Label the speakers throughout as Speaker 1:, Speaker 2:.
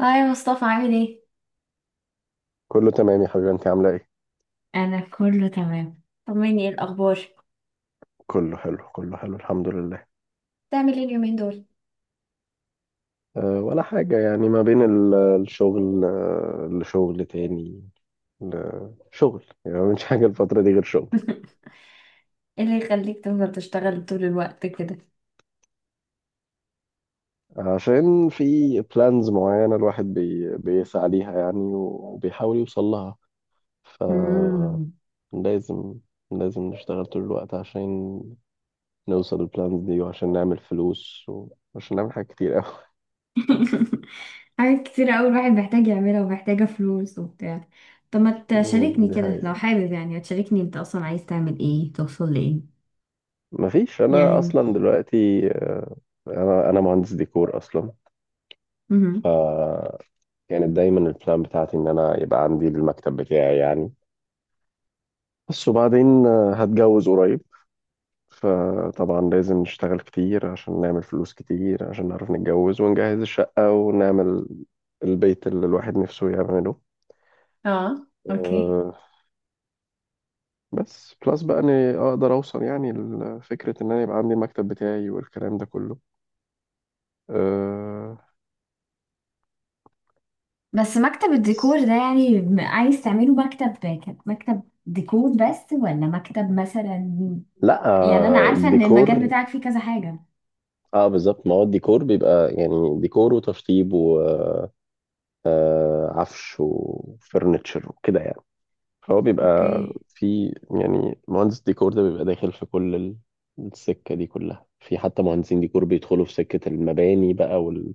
Speaker 1: هاي يا مصطفى، عامل ايه؟
Speaker 2: كله تمام يا حبيبي انت عامله ايه؟
Speaker 1: انا كله تمام، طمني، ايه الأخبار؟
Speaker 2: كله حلو، كله حلو، الحمد لله.
Speaker 1: بتعمل ايه اليومين دول؟
Speaker 2: ولا حاجه، يعني ما بين الشغل، لشغل تاني، لشغل. يعني ما بنش حاجه الفتره دي غير شغل.
Speaker 1: ايه اللي يخليك تفضل تشتغل طول الوقت كده؟
Speaker 2: عشان في بلانز معينه، الواحد بيسعى ليها يعني وبيحاول يوصل لها، فلازم.
Speaker 1: مم.
Speaker 2: لازم نشتغل طول الوقت عشان نوصل البلانز دي، وعشان نعمل فلوس، وعشان نعمل حاجات كتير قوي.
Speaker 1: حاجات كتير قوي الواحد محتاج يعملها ومحتاجة فلوس وبتاع. طب ما تشاركني
Speaker 2: دي
Speaker 1: كده لو
Speaker 2: حقيقة.
Speaker 1: حابب، يعني تشاركني انت اصلا عايز تعمل ايه، توصل لايه؟
Speaker 2: مفيش، انا
Speaker 1: يعني
Speaker 2: اصلا دلوقتي انا مهندس ديكور اصلا.
Speaker 1: مهم.
Speaker 2: فكانت دايما البلان بتاعتي ان انا يبقى عندي المكتب بتاعي يعني، بس وبعدين هتجوز قريب. فطبعا لازم نشتغل كتير عشان نعمل فلوس كتير، عشان نعرف نتجوز ونجهز الشقة ونعمل البيت اللي الواحد نفسه يعمله.
Speaker 1: اه اوكي.
Speaker 2: آه، بس بلس بقى اني اقدر اوصل يعني لفكرة ان انا يبقى عندي المكتب بتاعي والكلام ده كله. آه،
Speaker 1: بس مكتب الديكور ده يعني عايز تعمله مكتب مكتب ديكور بس، ولا مكتب مثلا؟
Speaker 2: لا،
Speaker 1: يعني انا عارفه ان المجال
Speaker 2: الديكور.
Speaker 1: بتاعك فيه كذا حاجه.
Speaker 2: اه بالظبط، ما هو الديكور بيبقى يعني ديكور وتشطيب وعفش وفرنتشر وكده يعني، فهو بيبقى
Speaker 1: اوكي.
Speaker 2: في. يعني مهندس ديكور ده بيبقى داخل في كل السكة دي كلها، في حتى مهندسين ديكور بيدخلوا في سكة المباني بقى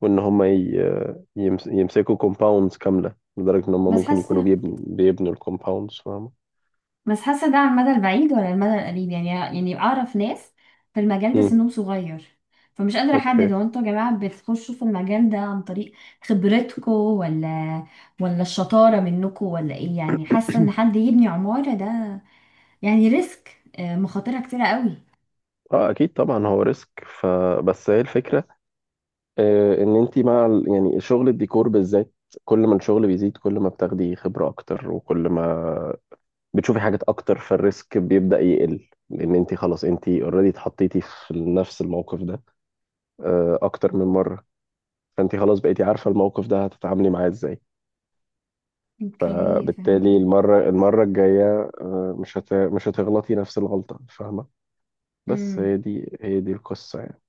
Speaker 2: وإن هم ي- يمس... يمسكوا كومباوندز كاملة، لدرجة إن هم
Speaker 1: بس
Speaker 2: ممكن يكونوا
Speaker 1: حاسه
Speaker 2: بيبنوا الكومباوندز، فاهمة؟
Speaker 1: بس حاسه ده على المدى البعيد ولا المدى القريب؟ يعني يعني اعرف ناس في المجال ده
Speaker 2: مم.
Speaker 1: سنهم صغير. فمش قادره
Speaker 2: أوكي.
Speaker 1: احدد، هو انتوا يا جماعه بتخشوا في المجال ده عن طريق خبرتكم ولا الشطاره منكم، ولا ايه؟ يعني حاسه ان حد يبني عماره ده يعني ريسك، مخاطرها كتيره قوي.
Speaker 2: اه اكيد طبعا، هو ريسك، فبس هي الفكره. ان انت مع يعني شغل الديكور بالذات، كل ما الشغل بيزيد كل ما بتاخدي خبرة اكتر، وكل ما بتشوفي حاجات اكتر، فالريسك بيبدأ يقل، لان انت خلاص انت اوريدي اتحطيتي في نفس الموقف ده اكتر من مرة، فانت خلاص بقيتي عارفة الموقف ده هتتعاملي معاه ازاي،
Speaker 1: اوكي
Speaker 2: بالتالي
Speaker 1: فهمتك.
Speaker 2: المرة الجاية مش هتغلطي نفس الغلطة، فاهمة. بس هي
Speaker 1: امم.
Speaker 2: دي هي دي القصة يعني.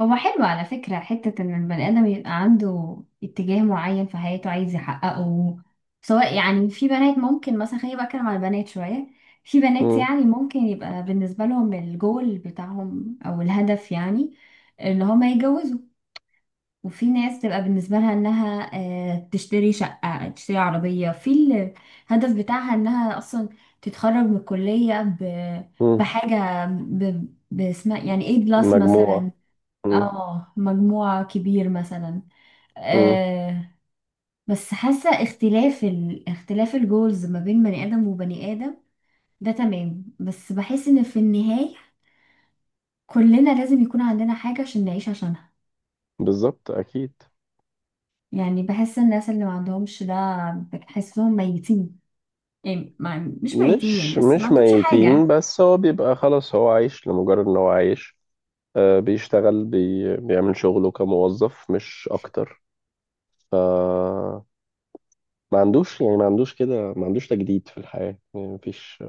Speaker 1: هو حلو على فكرة حتة إن البني آدم يبقى عنده اتجاه معين في حياته عايز يحققه. سواء يعني في بنات، ممكن مثلا خليني بقى أتكلم على البنات شوية. في بنات
Speaker 2: مم.
Speaker 1: يعني ممكن يبقى بالنسبة لهم الجول بتاعهم أو الهدف، يعني إن هما يتجوزوا. وفي ناس تبقى بالنسبة لها إنها تشتري شقة، تشتري عربية. في الهدف بتاعها إنها أصلا تتخرج من الكلية
Speaker 2: مم.
Speaker 1: بحاجة باسمها، يعني A بلس
Speaker 2: مجموعة.
Speaker 1: مثلا.
Speaker 2: مم.
Speaker 1: اه مجموعة كبير مثلا.
Speaker 2: مم.
Speaker 1: آه. بس حاسة اختلاف اختلاف الجولز ما بين بني آدم وبني آدم ده تمام. بس بحس ان في النهاية كلنا لازم يكون عندنا حاجة عشان نعيش عشانها.
Speaker 2: بالظبط، أكيد.
Speaker 1: يعني بحس الناس اللي ما عندهمش ده بحسهم ميتين. يعني ما... مش ميتين يعني،
Speaker 2: مش
Speaker 1: بس ما
Speaker 2: مش
Speaker 1: عندهمش
Speaker 2: ميتين،
Speaker 1: حاجة.
Speaker 2: بس هو بيبقى خلاص، هو عايش لمجرد ان هو عايش. بيشتغل، بيعمل شغله كموظف مش اكتر. ما عندوش، يعني ما عندوش كده، ما عندوش تجديد في الحياة. يعني مفيش،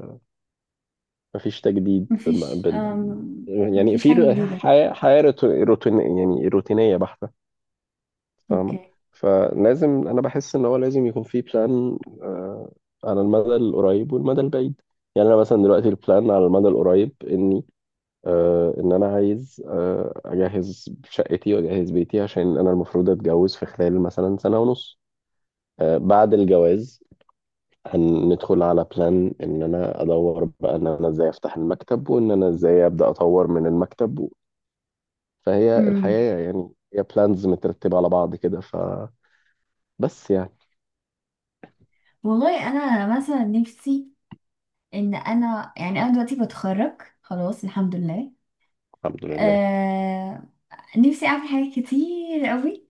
Speaker 2: مفيش تجديد بم- بال يعني
Speaker 1: مفيش
Speaker 2: في
Speaker 1: حاجة جديدة.
Speaker 2: حياة روتين، يعني روتينية بحتة، فاهمة.
Speaker 1: اوكي.
Speaker 2: فلازم، انا بحس ان هو لازم يكون في بلان على المدى القريب والمدى البعيد. يعني انا مثلا دلوقتي البلان على المدى القريب اني ان انا عايز اجهز شقتي واجهز بيتي، عشان انا المفروض اتجوز في خلال مثلا سنة ونص. بعد الجواز هندخل على بلان ان انا ادور بقى ان انا ازاي افتح المكتب، وان انا ازاي ابدا اطور من المكتب و-. فهي
Speaker 1: امم.
Speaker 2: الحياة، يعني هي بلانز مترتبة على بعض كده، فبس يعني.
Speaker 1: والله انا مثلا نفسي ان انا، يعني انا دلوقتي بتخرج خلاص الحمد لله.
Speaker 2: الحمد لله.
Speaker 1: آه. نفسي اعمل حاجات كتير قوي.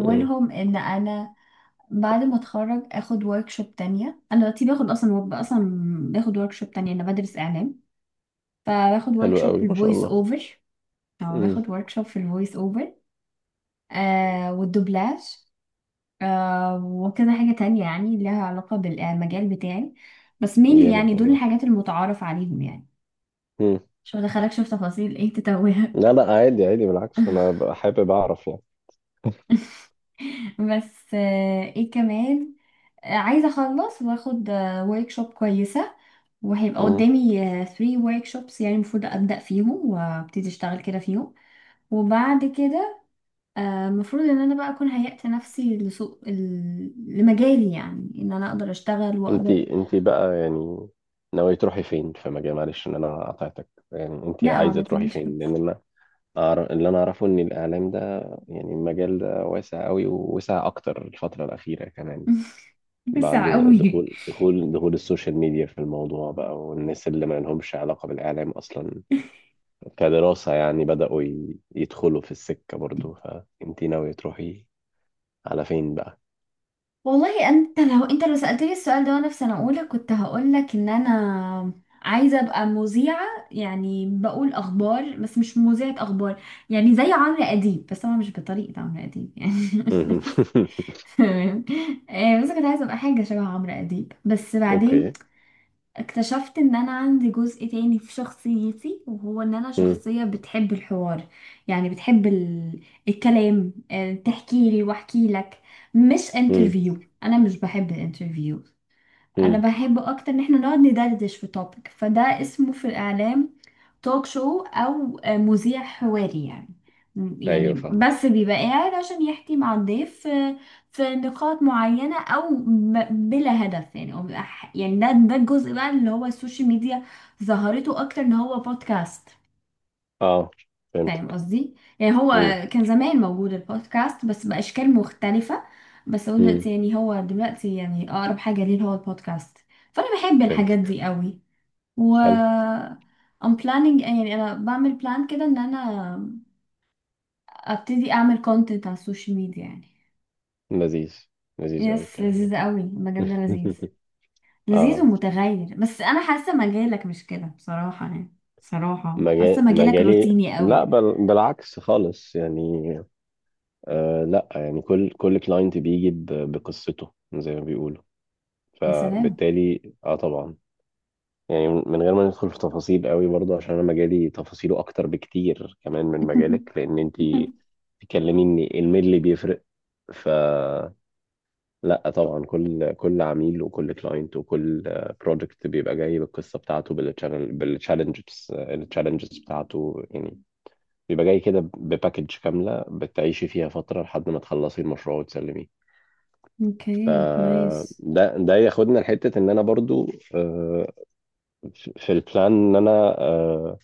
Speaker 2: مم.
Speaker 1: ان انا بعد ما اتخرج اخد وركشوب تانية. انا دلوقتي باخد اصلا باخد وركشوب تانية، انا بدرس اعلام. فباخد
Speaker 2: حلو
Speaker 1: وركشوب في
Speaker 2: قوي، ما شاء
Speaker 1: الفويس
Speaker 2: الله.
Speaker 1: اوفر. او
Speaker 2: مم.
Speaker 1: باخد وركشوب في الفويس اوفر، والدوبلاج. وكذا حاجة تانية يعني لها علاقة بالمجال بتاعي. بس مين، يعني
Speaker 2: جامد
Speaker 1: دول
Speaker 2: والله.
Speaker 1: الحاجات المتعارف عليهم يعني.
Speaker 2: مم.
Speaker 1: مش هدخلك شوف تفاصيل ايه تتوه.
Speaker 2: لا لا، عادي عادي، بالعكس انا ببقى حابب اعرف يعني.
Speaker 1: بس ايه كمان، عايزة اخلص واخد ورك شوب كويسة، وهيبقى
Speaker 2: مم.
Speaker 1: قدامي 3 ورك شوبس يعني المفروض ابدأ فيهم وابتدي اشتغل كده فيهم. وبعد كده المفروض ان انا بقى اكون هيأت نفسي لسوق لمجالي، يعني ان انا اقدر اشتغل واقدر.
Speaker 2: انتي بقى يعني ناوية تروحي فين في مجال؟ معلش ان انا قطعتك، يعني انتي
Speaker 1: لا ما
Speaker 2: عايزة تروحي
Speaker 1: تنيش
Speaker 2: فين؟
Speaker 1: خالص.
Speaker 2: لان انا أعرف، اللي انا اعرفه ان الاعلام ده، يعني المجال ده واسع قوي، ووسع اكتر الفترة الاخيرة كمان بعد
Speaker 1: بسرعة قوي.
Speaker 2: دخول السوشيال ميديا في الموضوع بقى، والناس اللي ما لهمش علاقة بالاعلام اصلا كدراسة يعني يدخلوا في السكة برضو. فانتي ناوية تروحي على فين بقى؟
Speaker 1: والله انت لو، انت لو سألتني السؤال ده وانا في سنة اولى كنت هقولك ان انا عايزة ابقى مذيعة، يعني بقول اخبار بس مش مذيعة اخبار. يعني زي عمرو اديب بس انا مش بطريقة عمرو اديب يعني. تمام. بس كنت عايزة ابقى حاجة شبه عمرو اديب، بس بعدين
Speaker 2: اوكي.
Speaker 1: اكتشفت ان انا عندي جزء تاني في شخصيتي، وهو ان انا
Speaker 2: مم.
Speaker 1: شخصية بتحب الحوار. يعني بتحب الكلام، تحكي لي واحكي لك، مش
Speaker 2: مم.
Speaker 1: انترفيو. انا مش بحب الانترفيو. انا
Speaker 2: مم.
Speaker 1: بحب اكتر ان احنا نقعد ندردش في توبيك. فده اسمه في الاعلام توك شو، او مذيع حواري يعني. يعني
Speaker 2: ايوه فاهم.
Speaker 1: بس بيبقى قاعد عشان يحكي مع الضيف، في نقاط معينة أو بلا هدف، يعني أو بيبقى يعني ده الجزء بقى اللي هو السوشيال ميديا ظهرته أكتر إن هو بودكاست.
Speaker 2: اه
Speaker 1: فاهم
Speaker 2: فهمتك.
Speaker 1: قصدي يعني. هو
Speaker 2: امم.
Speaker 1: كان زمان موجود البودكاست بس بأشكال مختلفة. بس هو
Speaker 2: امم.
Speaker 1: دلوقتي، يعني هو دلوقتي يعني أقرب حاجة ليه هو البودكاست. فأنا بحب الحاجات
Speaker 2: فهمتك.
Speaker 1: دي قوي. و
Speaker 2: حلو.
Speaker 1: I'm planning يعني أنا بعمل بلان كده إن أنا أبتدي أعمل content على السوشيال ميديا يعني.
Speaker 2: لذيذ، لذيذ قوي
Speaker 1: يس،
Speaker 2: الكلام ده.
Speaker 1: لذيذة قوي المجال ده، لذيذ. لذيذ
Speaker 2: اه،
Speaker 1: ومتغير، بس أنا حاسة مجالك مش كده بصراحة يعني. بصراحة حاسة مجالك
Speaker 2: مجالي؟
Speaker 1: روتيني
Speaker 2: لا،
Speaker 1: قوي.
Speaker 2: بالعكس خالص يعني. لا، يعني كل كلاينت بيجي بقصته، زي ما بيقولوا.
Speaker 1: يا سلام.
Speaker 2: فبالتالي اه طبعا، يعني من غير ما ندخل في تفاصيل قوي برضه، عشان انا مجالي تفاصيله اكتر بكتير كمان من مجالك، لان انت تكلميني الميل اللي بيفرق. ف، لا طبعا، كل كل عميل وكل كلاينت وكل بروجكت بيبقى جاي بالقصه بتاعته، التشالنجز بتاعته يعني، بيبقى جاي كده بباكج كامله بتعيشي فيها فتره لحد ما تخلصي المشروع وتسلميه.
Speaker 1: اوكي
Speaker 2: فده
Speaker 1: نايس.
Speaker 2: ده ياخدنا لحته ان انا برضو آه، في البلان ان انا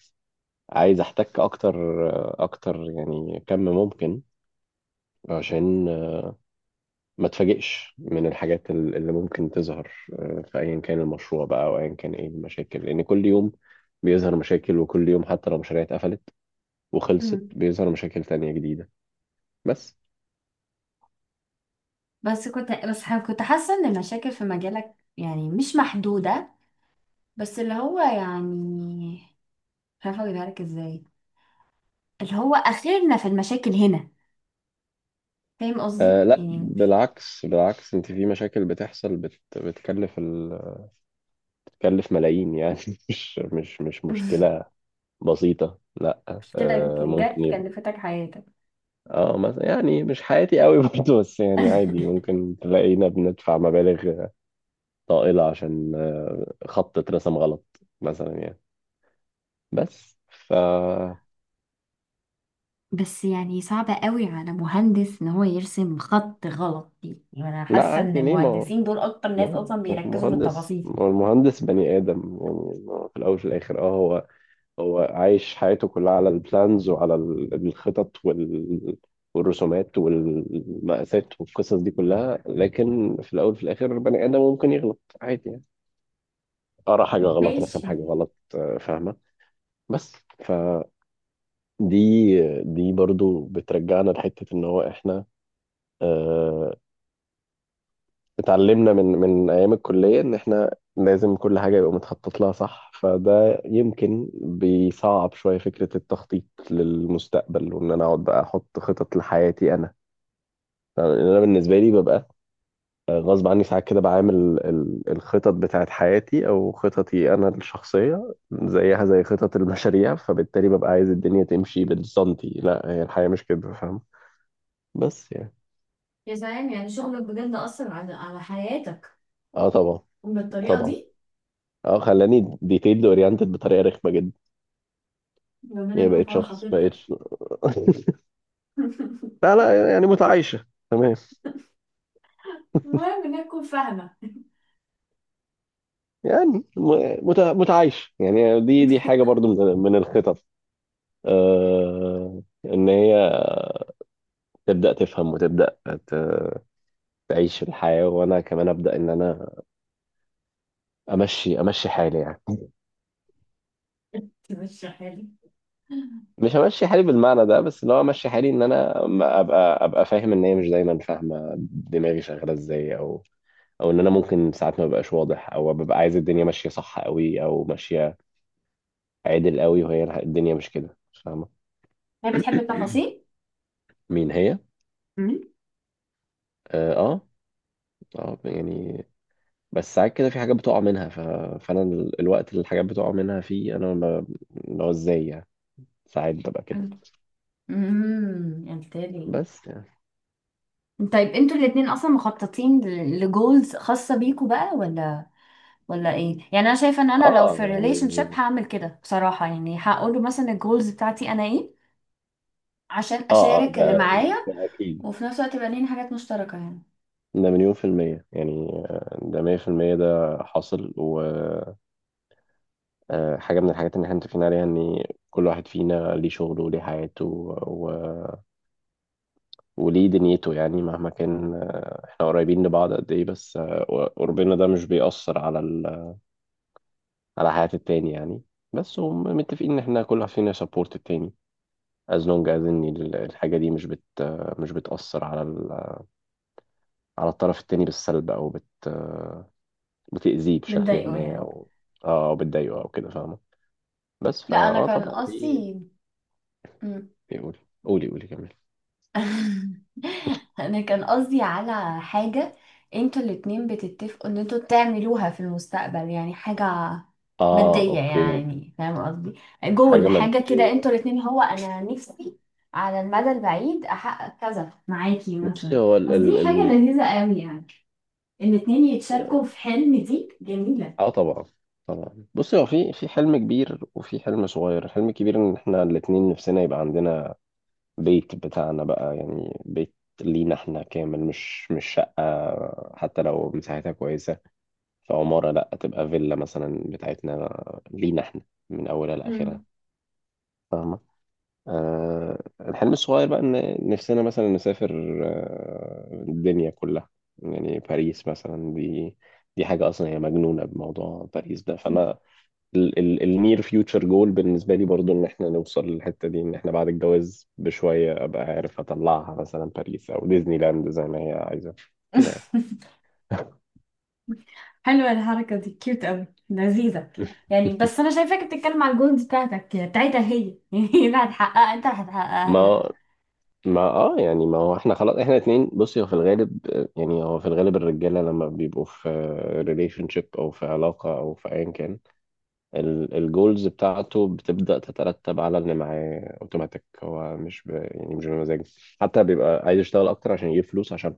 Speaker 2: عايز احتك اكتر، اكتر يعني كم ممكن، عشان ما تفاجئش من الحاجات اللي ممكن تظهر في ايا كان المشروع بقى، او ايا كان ايه المشاكل. لان كل يوم بيظهر مشاكل، وكل يوم حتى لو مشاريع اتقفلت وخلصت
Speaker 1: مم.
Speaker 2: بيظهر مشاكل تانية جديدة. بس،
Speaker 1: بس كنت بس ح- كنت حاسة ان المشاكل في مجالك يعني مش محدودة، بس اللي هو يعني، مش عارفة اجيبها لك ازاي، اللي هو اخرنا في المشاكل هنا. فاهم قصدي،
Speaker 2: لا
Speaker 1: يعني
Speaker 2: بالعكس، بالعكس، انت في مشاكل بتحصل بتكلف بتكلف ملايين يعني. مش مشكلة بسيطة، لا.
Speaker 1: مشكلة
Speaker 2: آه ممكن
Speaker 1: جت
Speaker 2: يبقى
Speaker 1: كلفتك حياتك.
Speaker 2: اه مثلا، يعني مش حياتي قوي برضه، بس يعني عادي ممكن تلاقينا بندفع مبالغ طائلة عشان خط اترسم غلط مثلا يعني. بس ف،
Speaker 1: بس يعني صعبة قوي على مهندس ان هو يرسم خط غلط دي. يعني انا
Speaker 2: لا
Speaker 1: حاسة ان
Speaker 2: عادي، ليه؟ ما هو
Speaker 1: المهندسين دول اكتر ناس
Speaker 2: مهن-
Speaker 1: اصلا بيركزوا في
Speaker 2: مهندس،
Speaker 1: التفاصيل.
Speaker 2: ما هو المهندس بني آدم يعني، ما هو في الأول وفي الآخر اه هو، هو عايش حياته كلها على البلانز، وعلى الخطط وال، والرسومات والمقاسات والقصص دي كلها. لكن في الأول وفي الآخر بني آدم ممكن يغلط عادي يعني، قرا حاجة غلط، رسم
Speaker 1: ماشي.
Speaker 2: حاجة غلط، فاهمة. بس ف، دي دي برضو بترجعنا لحتة ان هو احنا آه، اتعلمنا من من ايام الكلية ان احنا لازم كل حاجة يبقى متخطط لها صح، فده يمكن بيصعب شوية فكرة التخطيط للمستقبل، وان انا اقعد بقى احط خطط لحياتي انا. يعني انا بالنسبة لي ببقى غصب عني ساعات كده بعامل الخطط بتاعت حياتي او خططي انا الشخصية زيها زي خطط المشاريع، فبالتالي ببقى عايز الدنيا تمشي بالسنتي، لا هي الحياة مش كده، فاهم. بس يعني،
Speaker 1: يا سلام، يعني شغلك بجد أثر على على حياتك
Speaker 2: اه طبعا.
Speaker 1: بالطريقة
Speaker 2: طبعا
Speaker 1: دي.
Speaker 2: اه، خلاني ديتيلد اورينتد بطريقه رخمه جدا.
Speaker 1: ربنا
Speaker 2: يعني
Speaker 1: يكون في
Speaker 2: بقيت
Speaker 1: عون
Speaker 2: شخص، بقيت
Speaker 1: خطيبتك.
Speaker 2: لا لا، يعني متعايشه تمام
Speaker 1: فاهمة.
Speaker 2: يعني. متعايشه يعني. دي حاجه برضو من من الخطط، ان هي تبدا تفهم وتبدا ت... تعيش الحياه، وانا كمان ابدا ان انا امشي حالي يعني،
Speaker 1: مش حلو.
Speaker 2: مش همشي حالي بالمعنى ده، بس اللي هو امشي حالي ان انا أما ابقى فاهم ان هي مش دايما فاهمه دماغي شغاله ازاي، او او ان انا ممكن ساعات ما ببقاش واضح، او ببقى عايز الدنيا ماشيه صح قوي او ماشيه عادل قوي، وهي الدنيا مش كده، فاهمه.
Speaker 1: هي بتحب التفاصيل.
Speaker 2: مين هي؟
Speaker 1: مم.
Speaker 2: اه اه. يعني، بس ساعات كده في حاجات بتقع منها فانا الوقت اللي الحاجات بتقع منها فيه انا اللي هو ازاي يعني، ساعات ببقى كده.
Speaker 1: انت. امم، قلت لي،
Speaker 2: بس يعني.
Speaker 1: طيب انتوا الاتنين اصلا مخططين لجولز خاصة بيكوا بقى، ولا ولا ايه؟ يعني انا شايفة ان انا لو
Speaker 2: اه،
Speaker 1: في ريليشن شيب
Speaker 2: يعني.
Speaker 1: هعمل كده بصراحة، يعني هقول له مثلا الجولز بتاعتي انا ايه، عشان
Speaker 2: اه اه،
Speaker 1: اشارك اللي
Speaker 2: ده
Speaker 1: معايا،
Speaker 2: ده اكيد.
Speaker 1: وفي نفس الوقت يبقى لينا حاجات مشتركة يعني.
Speaker 2: ده مليون في المية يعني، ده مية في المية، ده حاصل. و حاجة من الحاجات اللي احنا متفقين عليها ان كل واحد فينا ليه شغله وليه حياته و...، وليه دنيته. يعني مهما كان احنا قريبين لبعض قد ايه، بس قربنا ده مش بيأثر على على حياة التاني يعني. بس هم متفقين ان احنا كل واحد فينا سبورت التاني، as long as ان الحاجة دي مش بت... مش بتأثر على على الطرف التاني بالسلب، او بتأذيه بشكل
Speaker 1: بتضايقه
Speaker 2: ما،
Speaker 1: يعني.
Speaker 2: او. اه، أو بتضايقه او كده، فاهمة. بس
Speaker 1: لا
Speaker 2: فا،
Speaker 1: انا
Speaker 2: اه
Speaker 1: كان
Speaker 2: طبعا دي.
Speaker 1: قصدي.
Speaker 2: قولي، قولي، قولي كمان.
Speaker 1: انا كان قصدي على حاجة، انتوا الاتنين بتتفقوا ان انتوا تعملوها في المستقبل، يعني حاجة
Speaker 2: اه
Speaker 1: مادية
Speaker 2: اوكي.
Speaker 1: يعني، فاهم قصدي؟ جول،
Speaker 2: حاجة
Speaker 1: حاجة كده
Speaker 2: مادية.
Speaker 1: انتوا الاتنين، هو انا نفسي على المدى البعيد احقق كذا معاكي
Speaker 2: بصي
Speaker 1: مثلا.
Speaker 2: هو ال
Speaker 1: قصدي
Speaker 2: ال
Speaker 1: حاجة
Speaker 2: ال
Speaker 1: لذيذة قوي يعني، الاتنين يتشاركوا في حلم، دي جميلة.
Speaker 2: اه طبعا. طبعا، بصي هو في في حلم كبير وفي حلم صغير. الحلم الكبير ان احنا الاتنين نفسنا يبقى عندنا بيت بتاعنا بقى، يعني بيت لينا احنا كامل، مش شقة، حتى لو مساحتها كويسة، في عمارة، لا تبقى فيلا مثلا بتاعتنا، لينا احنا، من اولها لاخرها.
Speaker 1: مم.
Speaker 2: آه الحلم الصغير بقى ان نفسنا مثلا نسافر آه الدنيا كلها، يعني باريس مثلا دي، دي حاجة أصلا هي مجنونة بموضوع باريس ده، فأنا النير فيوتشر جول بالنسبة لي برضو إن إحنا نوصل للحتة دي، إن إحنا بعد الجواز بشوية أبقى عارف أطلعها مثلا باريس أو ديزني لاند زي ما هي عايزة كده يعني.
Speaker 1: حلوة الحركة دي، كيوت قوي، لذيذة. يعني بس أنا شايفاك بتتكلم على الجولز بتاعتك بتاعتها هي. يعني هي اللي هتحققها، أنت اللي هتحققها لها.
Speaker 2: ما ما اه، يعني ما هو احنا خلاص احنا اتنين. بصي هو في الغالب، يعني هو في الغالب الرجاله لما بيبقوا في ريليشن شيب، او في علاقه، او في ايا كان، الجولز بتاعته بتبدا تترتب على اللي معاه اوتوماتيك، هو مش ب... يعني مش بمزاجه حتى، بيبقى عايز يشتغل اكتر عشان يجيب فلوس، عشان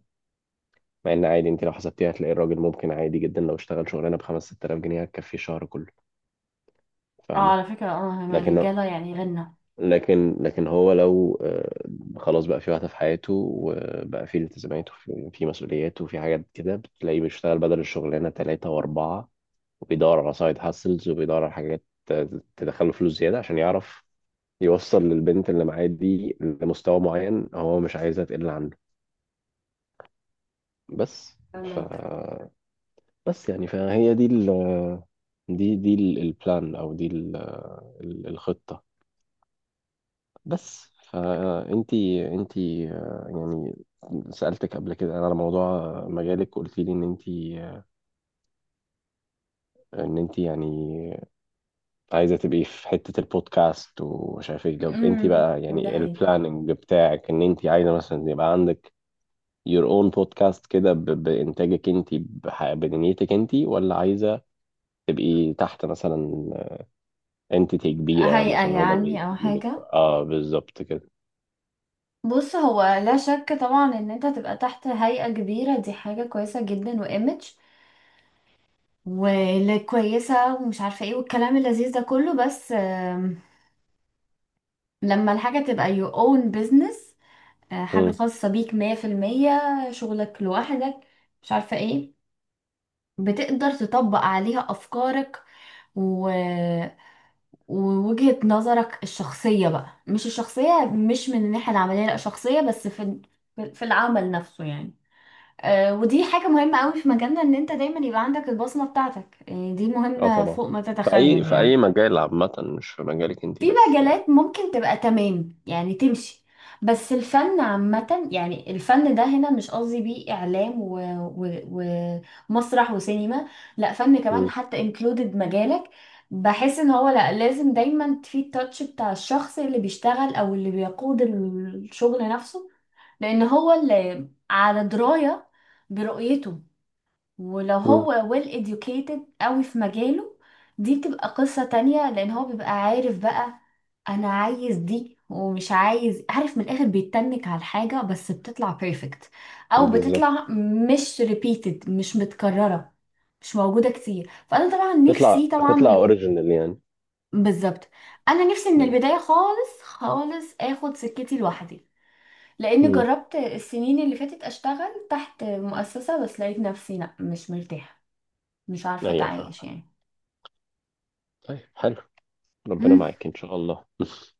Speaker 2: مع ان عادي انت لو حسبتيها هتلاقي الراجل ممكن عادي جدا لو اشتغل شغلانه ب 5 6000 جنيه هتكفيه شهر كله،
Speaker 1: اه
Speaker 2: فاهمه.
Speaker 1: على فكرة اه هما
Speaker 2: لكن
Speaker 1: الرجالة يعني غنى.
Speaker 2: لكن لكن هو لو خلاص بقى في واحدة في حياته، وبقى في التزامات وفي في مسؤوليات وفي حاجات كده، بتلاقيه بيشتغل بدل الشغلانة ثلاثة وأربعة، وبيدور على سايد هاسلز، وبيدور على حاجات تدخله فلوس زيادة عشان يعرف يوصل للبنت اللي معاه دي لمستوى معين هو مش عايزها تقل عنه. بس ف،
Speaker 1: فاهمك.
Speaker 2: بس يعني فهي دي دي دي البلان، أو دي الخطة. بس فانتي انتي يعني سألتك قبل كده على موضوع مجالك، قلت لي ان انتي، ان انتي يعني عايزة تبقي في حتة البودكاست ومش عارف ايه. طب انتي
Speaker 1: امم.
Speaker 2: بقى
Speaker 1: ده
Speaker 2: يعني
Speaker 1: هي
Speaker 2: البلاننج بتاعك ان انتي عايزة مثلا يبقى عندك your own podcast كده بإنتاجك انتي بدنيتك انتي، ولا عايزة تبقي تحت مثلا انتيتي كبيرة
Speaker 1: هيئة
Speaker 2: مثلا، هما اللي
Speaker 1: يعني، أو
Speaker 2: بيدولك؟
Speaker 1: حاجة؟
Speaker 2: اه بالظبط كده.
Speaker 1: بص، هو لا شك طبعا ان انت تبقى تحت هيئة كبيرة دي حاجة كويسة جدا وايمج وكويسة ومش عارفة ايه والكلام اللذيذ ده كله. بس لما الحاجة تبقى your own business، حاجة خاصة بيك مية في المية، شغلك لوحدك، مش عارفة ايه، بتقدر تطبق عليها أفكارك، و... ووجهة نظرك الشخصية بقى، مش الشخصية مش من الناحية العملية، لأ شخصية بس في في العمل نفسه يعني. ودي حاجة مهمة قوي في مجالنا، ان انت دايما يبقى عندك البصمة بتاعتك، يعني دي
Speaker 2: اه
Speaker 1: مهمة
Speaker 2: طبعا،
Speaker 1: فوق ما
Speaker 2: في اي
Speaker 1: تتخيل
Speaker 2: في اي
Speaker 1: يعني.
Speaker 2: مجال عامه، مش في مجالك انت
Speaker 1: في
Speaker 2: بس يعني.
Speaker 1: مجالات ممكن تبقى تمام، يعني تمشي. بس الفن عامة، يعني الفن ده هنا مش قصدي بيه إعلام و... و... ومسرح وسينما، لا فن كمان،
Speaker 2: مم.
Speaker 1: حتى included مجالك. بحس ان هو لا، لازم دايما في التاتش بتاع الشخص اللي بيشتغل او اللي بيقود الشغل نفسه، لان هو اللي على دراية برؤيته. ولو
Speaker 2: مم.
Speaker 1: هو well educated قوي في مجاله، دي بتبقى قصة تانية، لان هو بيبقى عارف بقى انا عايز دي ومش عايز، عارف من الاخر بيتنك على الحاجة بس بتطلع perfect، او بتطلع
Speaker 2: بالظبط،
Speaker 1: مش repeated، مش متكررة، مش موجودة كتير. فانا طبعا نفسي
Speaker 2: تطلع تطلع
Speaker 1: طبعا.
Speaker 2: اوريجينال يعني.
Speaker 1: بالظبط. انا نفسي من
Speaker 2: مم.
Speaker 1: البداية، خالص خالص اخد سكتي لوحدي. لان
Speaker 2: مم.
Speaker 1: جربت السنين اللي فاتت اشتغل تحت مؤسسة، بس لقيت نفسي لا مش مرتاحة، مش عارفة
Speaker 2: ايوه فاهم.
Speaker 1: اتعايش يعني.
Speaker 2: طيب حلو، ربنا
Speaker 1: مم.
Speaker 2: معاك ان شاء الله.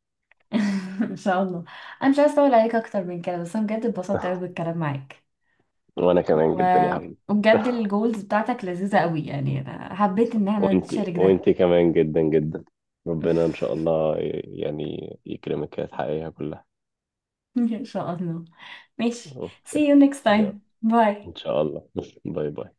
Speaker 1: ان شاء الله. انا مش عايزة اطول عليك اكتر من كده، بس انا بجد اتبسطت قوي بالكلام معاك.
Speaker 2: وانا كمان
Speaker 1: و...
Speaker 2: جدا يا حبيبي.
Speaker 1: وبجد الجولز بتاعتك لذيذة قوي، يعني انا حبيت ان احنا
Speaker 2: وانت
Speaker 1: نشارك ده.
Speaker 2: وانت كمان جدا جدا، ربنا ان شاء الله يعني يكرمك وتحققيها كلها.
Speaker 1: ان شاء الله. ماشي. see
Speaker 2: اوكي.
Speaker 1: you next
Speaker 2: يلا.
Speaker 1: time.
Speaker 2: ان
Speaker 1: bye.
Speaker 2: شاء الله. باي باي.